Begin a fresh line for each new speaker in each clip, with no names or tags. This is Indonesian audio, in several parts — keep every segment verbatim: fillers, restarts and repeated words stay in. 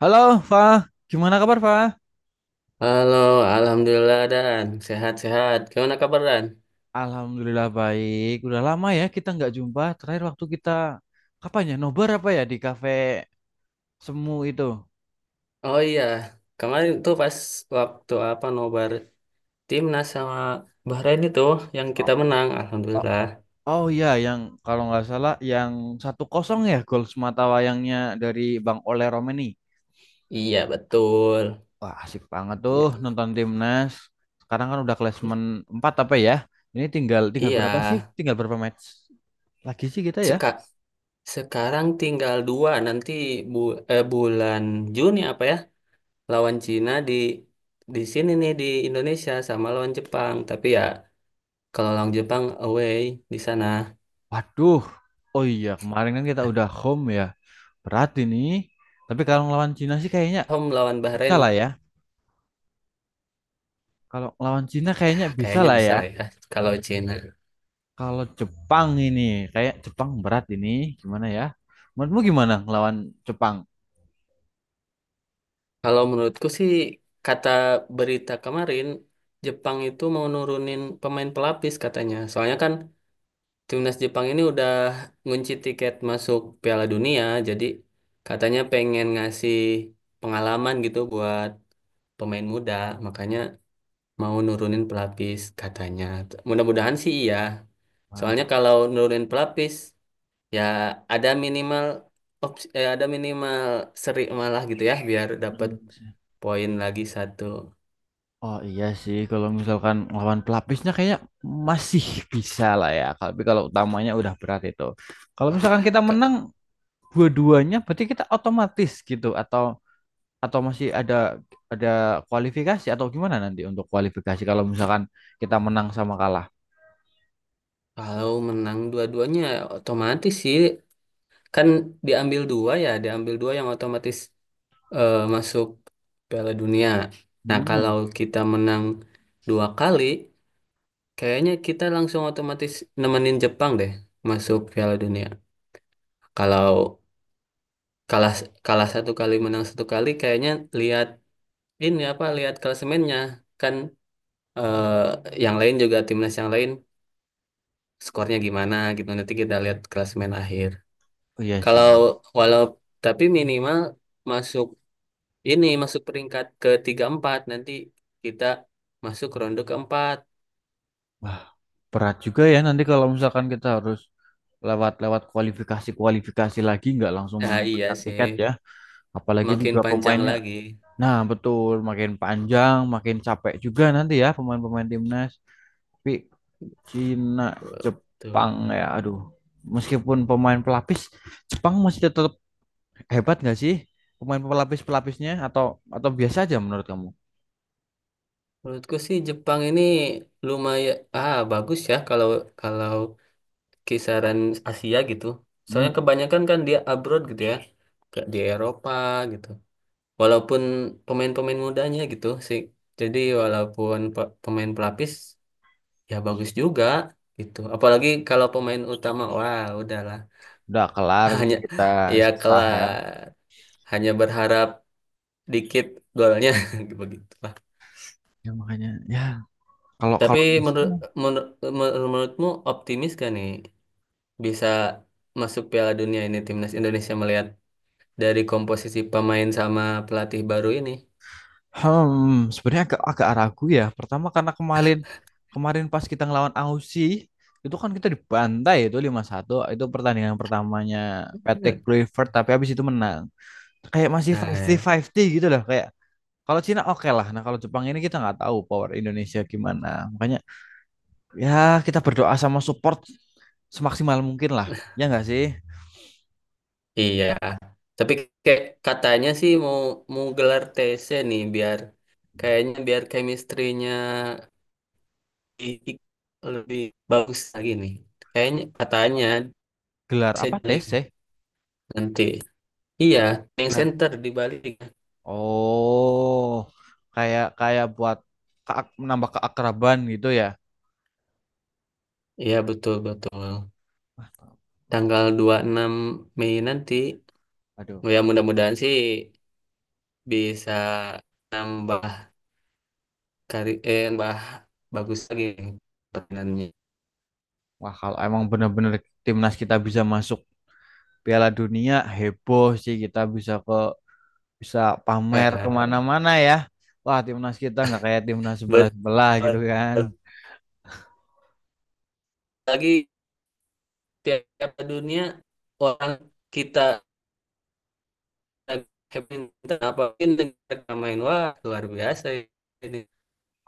Halo, Fa. Gimana kabar, Fa?
Halo, Alhamdulillah Dan. Sehat-sehat. Gimana kabar Dan?
Alhamdulillah baik. Udah lama ya kita nggak jumpa. Terakhir waktu kita kapan ya? Nobar apa ya di kafe Semu itu?
Oh iya, kemarin tuh pas waktu apa nobar timnas sama Bahrain itu yang
Oh,
kita menang,
oh,
Alhamdulillah.
oh iya, yang kalau nggak salah yang satu kosong ya gol semata wayangnya dari Bang Ole Romeni.
Iya betul.
Wah, asik banget tuh
Ya,
nonton timnas. Sekarang kan udah klasemen
i-
empat apa ya? Ini tinggal tinggal
iya.
berapa sih? Tinggal berapa match lagi sih kita ya?
Seka sekarang tinggal dua nanti bu eh, bulan Juni apa ya lawan Cina di di sini nih di Indonesia sama lawan Jepang. Tapi ya kalau lawan Jepang away di sana,
Waduh. Oh iya, kemarin kan kita udah home ya. Berat ini. Tapi kalau ngelawan Cina sih kayaknya
home lawan
bisa
Bahrain.
lah ya. Kalau ngelawan Cina kayaknya bisa
Kayaknya
lah
bisa
ya.
lah ya, kalau Cina.
Kalau Jepang ini, kayak Jepang berat ini. Gimana ya? Menurutmu gimana ngelawan Jepang?
Kalau menurutku sih, kata berita kemarin, Jepang itu mau nurunin pemain pelapis katanya. Soalnya kan timnas Jepang ini udah ngunci tiket masuk Piala Dunia, jadi katanya pengen ngasih pengalaman gitu buat pemain muda, makanya mau nurunin pelapis katanya. Mudah-mudahan sih iya. Soalnya
Wah,
kalau nurunin pelapis, ya ada minimal opsi, eh, ada minimal seri malah gitu ya biar dapat poin lagi satu.
oh iya sih, kalau misalkan lawan pelapisnya kayaknya masih bisa lah ya. Tapi kalau utamanya udah berat itu. Kalau misalkan
Ah,
kita menang
Kak,
dua-duanya, berarti kita otomatis gitu atau atau masih ada ada kualifikasi atau gimana nanti untuk kualifikasi kalau misalkan kita menang sama kalah?
kalau menang dua-duanya ya otomatis sih, kan diambil dua ya, diambil dua yang otomatis, eh, masuk Piala Dunia. Nah, kalau
Hmm,
kita menang dua kali, kayaknya kita langsung otomatis nemenin Jepang deh masuk Piala Dunia. Kalau kalah kalah satu kali menang satu kali, kayaknya lihat ini apa lihat klasemennya, kan eh, yang lain juga timnas yang lain skornya gimana gitu nanti kita lihat klasemen akhir.
oh iya sih.
Kalau walau tapi minimal masuk ini masuk peringkat ke tiga empat nanti kita masuk ronde keempat.
Wah, berat juga ya nanti kalau misalkan kita harus lewat-lewat kualifikasi-kualifikasi lagi nggak langsung
Ah iya
mengamankan
sih,
tiket ya. Apalagi
makin
juga
panjang
pemainnya.
lagi
Nah, betul, makin panjang, makin capek juga nanti ya pemain-pemain timnas. Tapi Cina,
tuh.
Jepang ya, aduh. Meskipun pemain pelapis, Jepang masih tetap hebat nggak sih pemain pelapis-pelapisnya atau atau biasa aja menurut kamu?
Menurutku sih Jepang ini lumayan ah bagus ya, kalau kalau kisaran Asia gitu.
Hmm,
Soalnya kebanyakan kan dia abroad gitu ya, kayak di Eropa gitu. Walaupun pemain-pemain mudanya gitu sih. Jadi walaupun pe- pemain pelapis ya bagus juga gitu. Apalagi kalau pemain utama, wah udahlah.
udah kelar
Hanya
kita
ya
sah ya.
kelar. Hanya berharap dikit golnya begitu lah.
Ya makanya ya kalau
Tapi
kalau di
menurut
sana,
menur- menurutmu optimis gak nih bisa masuk Piala Dunia ini timnas Indonesia melihat dari komposisi pemain sama pelatih baru ini.
hmm, sebenarnya agak agak ragu ya. Pertama karena kemarin kemarin pas kita ngelawan Aussie itu kan kita dibantai itu lima satu itu pertandingan pertamanya Patrick Kluivert tapi habis itu menang. Kayak masih
Nah,
fifty fifty gitu loh kayak kalau Cina oke lah. Nah, kalau Jepang ini kita nggak tahu power Indonesia gimana. Makanya ya, kita berdoa sama support semaksimal mungkin lah. Ya nggak sih?
iya. Tapi kayak katanya sih mau mau gelar T C nih biar kayaknya biar chemistry-nya i- i- lebih bagus lagi nih. Kayaknya katanya
Gelar apa
saya
tes
Bali
sih?
nanti. Iya, yang
Gelar.
center di Bali.
Oh, kayak kayak buat keak- menambah keakraban gitu ya.
Iya, betul betul.
Wah,
Tanggal dua puluh enam Mei nanti.
aduh,
Ya mudah-mudahan sih bisa nambah kari eh, yang bah bagus lagi permainannya.
wah kalau emang bener-bener timnas kita bisa masuk Piala Dunia heboh sih kita bisa ke bisa pamer
Eh,
kemana-mana ya. Wah timnas kita nggak kayak timnas
ber-
sebelah-sebelah gitu kan.
lagi tiap dunia orang kita minta apa mungkin negara main wah luar biasa ini.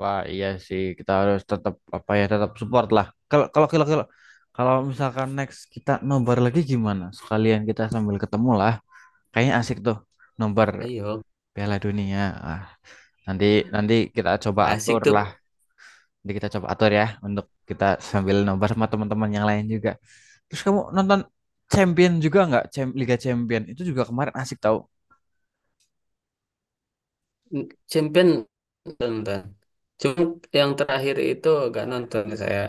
Wah, iya sih. Kita harus tetap apa ya, tetap support lah. Kalau kalau kalau kalau kalau misalkan next kita nobar lagi gimana? Sekalian kita sambil ketemu lah. Kayaknya asik tuh nobar
Ayo,
Piala Dunia. Ah, nanti nanti kita coba
asik
atur
tuh.
lah. Nanti kita coba atur ya untuk kita sambil nobar sama teman-teman yang lain juga. Terus kamu nonton Champion juga nggak? Cham- Liga Champion itu juga kemarin asik tau.
Champion nonton cuma yang terakhir itu gak nonton saya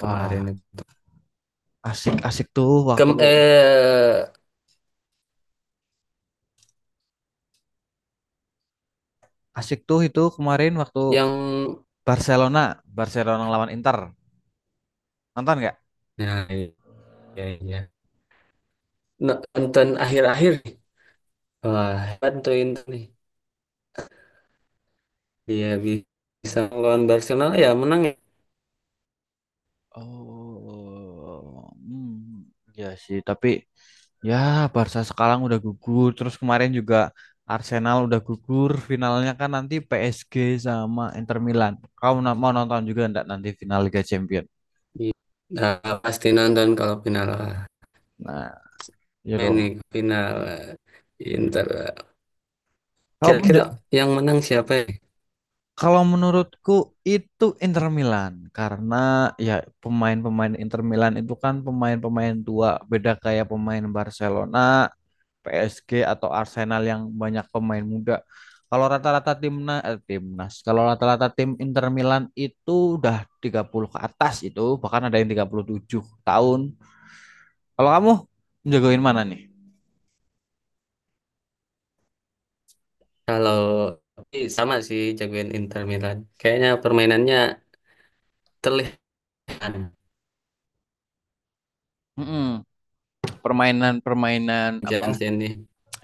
kemarin.
asik asik tuh waktu
Kem eh
asik tuh itu kemarin waktu
yang
Barcelona, Barcelona lawan Inter. Nonton nggak?
nah iya iya nonton akhir-akhir nih. Wah bantuin nih. Iya bisa lawan Barcelona ya menang ya.
Oh, hmm, ya sih. Tapi ya Barca sekarang udah gugur. Terus kemarin juga Arsenal udah gugur. Finalnya kan nanti P S G sama Inter Milan. Kamu na- mau nonton juga nggak nanti final Liga Champions?
Iya. Nah, pasti nonton kalau final lah.
Nah, ya
Main
dong.
nih final eh, Inter.
Kalau
Kira-kira
menje-
yang menang siapa ya?
Kalau menurutku itu Inter Milan karena ya pemain-pemain Inter Milan itu kan pemain-pemain tua, beda kayak pemain Barcelona P S G atau Arsenal yang banyak pemain muda. Kalau rata-rata timnas, eh, timnas, kalau rata-rata tim Inter Milan itu udah tiga puluh ke atas itu, bahkan ada yang tiga puluh tujuh tahun. Kalau kamu menjagoin mana nih?
Kalau tapi sama sih jagoin Inter Milan. Kayaknya permainannya terlihat
Mm-mm. Permainan-permainan apa
Jansen nih.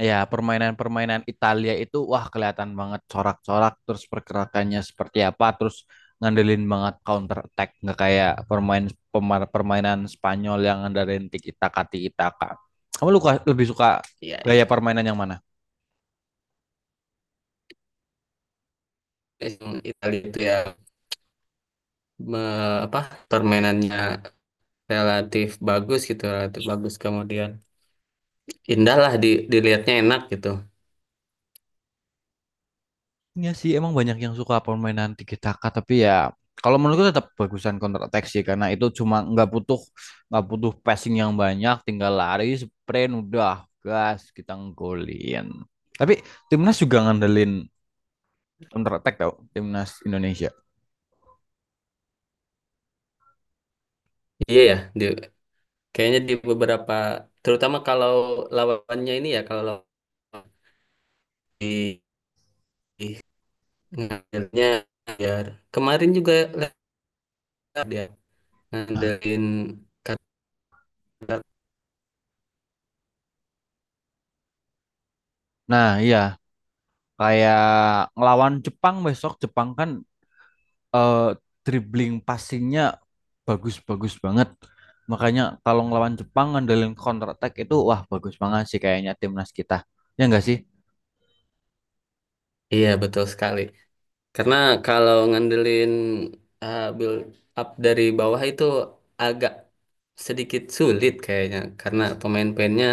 Ya, permainan-permainan Italia itu wah kelihatan banget corak-corak terus pergerakannya seperti apa terus ngandelin banget counter attack nggak kayak permain pemar- permainan Spanyol yang ngandelin tiki taka tiki taka. Kamu luka, lebih suka
Iya
gaya
iya.
permainan yang mana?
Yang Italia itu ya, me- apa permainannya relatif bagus gitu, relatif bagus kemudian indah lah di dilihatnya enak gitu.
Iya sih, emang banyak yang suka permainan tiki taka, tapi ya kalau menurutku tetap bagusan counter attack sih karena itu cuma nggak butuh nggak butuh passing yang banyak, tinggal lari, sprint, udah gas kita nggolin. Tapi timnas juga ngandelin counter attack tau, timnas Indonesia.
Iya ya, di, kayaknya di beberapa, terutama kalau lawannya ini ya, kalau lawan di di ngandelnya biar kemarin juga lihat dia
Nah,
ngandelin kata.
nah iya kayak ngelawan Jepang besok Jepang kan eh, dribbling passingnya bagus bagus banget. Makanya kalau ngelawan Jepang ngandelin counter attack itu wah bagus banget sih kayaknya timnas kita. Ya enggak sih?
Iya betul sekali karena kalau ngandelin uh, build up dari bawah itu agak sedikit sulit kayaknya karena pemain-pemainnya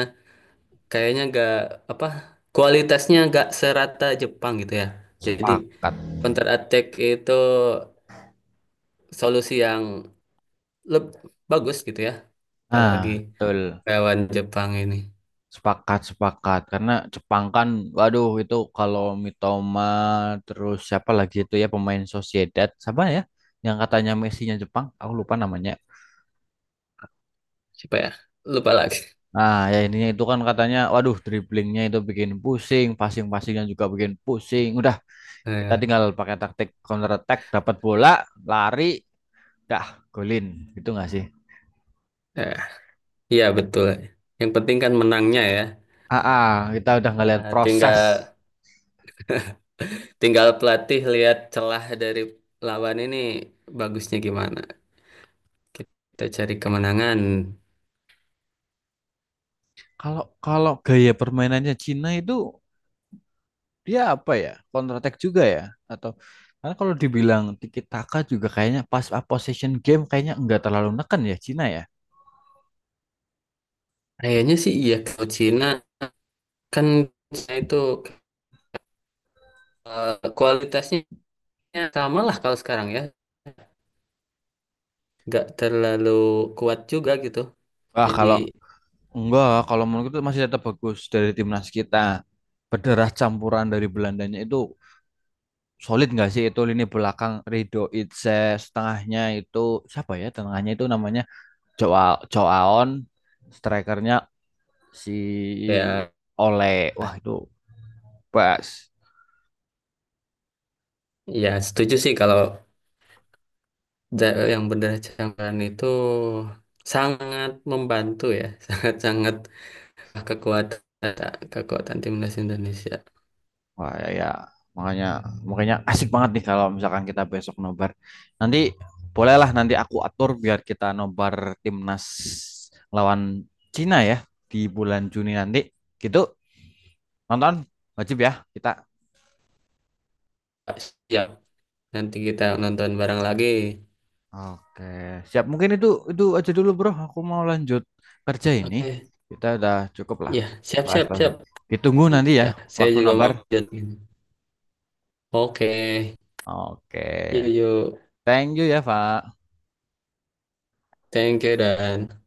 kayaknya gak apa kualitasnya gak serata Jepang gitu ya. Jadi
Sepakat.
counter attack itu solusi yang leb- bagus gitu ya, apalagi
Nah, betul.
lawan Jepang ini.
Sepakat, sepakat. Karena Jepang kan, waduh itu kalau Mitoma, terus siapa lagi itu ya pemain Sociedad, siapa ya? Yang katanya Messi-nya Jepang, aku lupa namanya.
Siapa ya, lupa lagi.
Nah, ya ininya itu kan katanya, waduh dribblingnya itu bikin pusing, passing-passingnya juga bikin pusing. Udah, kita
eh
tinggal pakai taktik counter attack, dapat bola, lari, dah, golin gitu nggak sih?
eh, iya betul, yang penting kan menangnya ya.
Ah, ah, kita udah
Ya
ngeliat proses.
tinggal tinggal pelatih lihat celah dari lawan ini bagusnya gimana kita cari kemenangan.
Kalau kalau gaya permainannya Cina itu dia apa ya? Counter attack juga ya? Atau karena kalau dibilang tiki taka juga kayaknya pas ah, possession game kayaknya nggak terlalu neken ya Cina ya.
Kayaknya sih iya, kalau Cina kan Cina itu, eh, kualitasnya sama lah kalau sekarang ya, nggak terlalu kuat juga gitu.
Wah,
Jadi
kalau enggak, kalau menurut itu masih tetap bagus dari timnas kita. Berderah campuran dari Belandanya itu solid nggak sih itu lini belakang Rido Itse, setengahnya itu siapa ya? Tengahnya itu namanya Joao Joaon strikernya si
ya,
Ole wah itu bas
ya setuju sih kalau Ja- yang berdarah campuran itu sangat membantu ya, sangat-sangat kekuatan kekuatan timnas Indonesia.
wah ya, ya. Makanya makanya asik banget nih kalau misalkan kita besok nobar nanti bolehlah nanti aku atur biar kita nobar timnas lawan Cina ya di bulan Juni nanti gitu nonton wajib ya kita.
Siap, nanti kita nonton bareng lagi.
Oke, siap. Mungkin itu itu aja dulu, Bro. Aku mau lanjut kerja ini.
Oke,
Kita udah cukup lah.
ya siap siap
Bahas-bahas.
siap.
Ditunggu nanti ya
Ya, saya
waktu
juga
nobar.
mau lanjut. Oke,
Oke.
yuk yuk,
Thank you ya, Pak.
thank you Dan.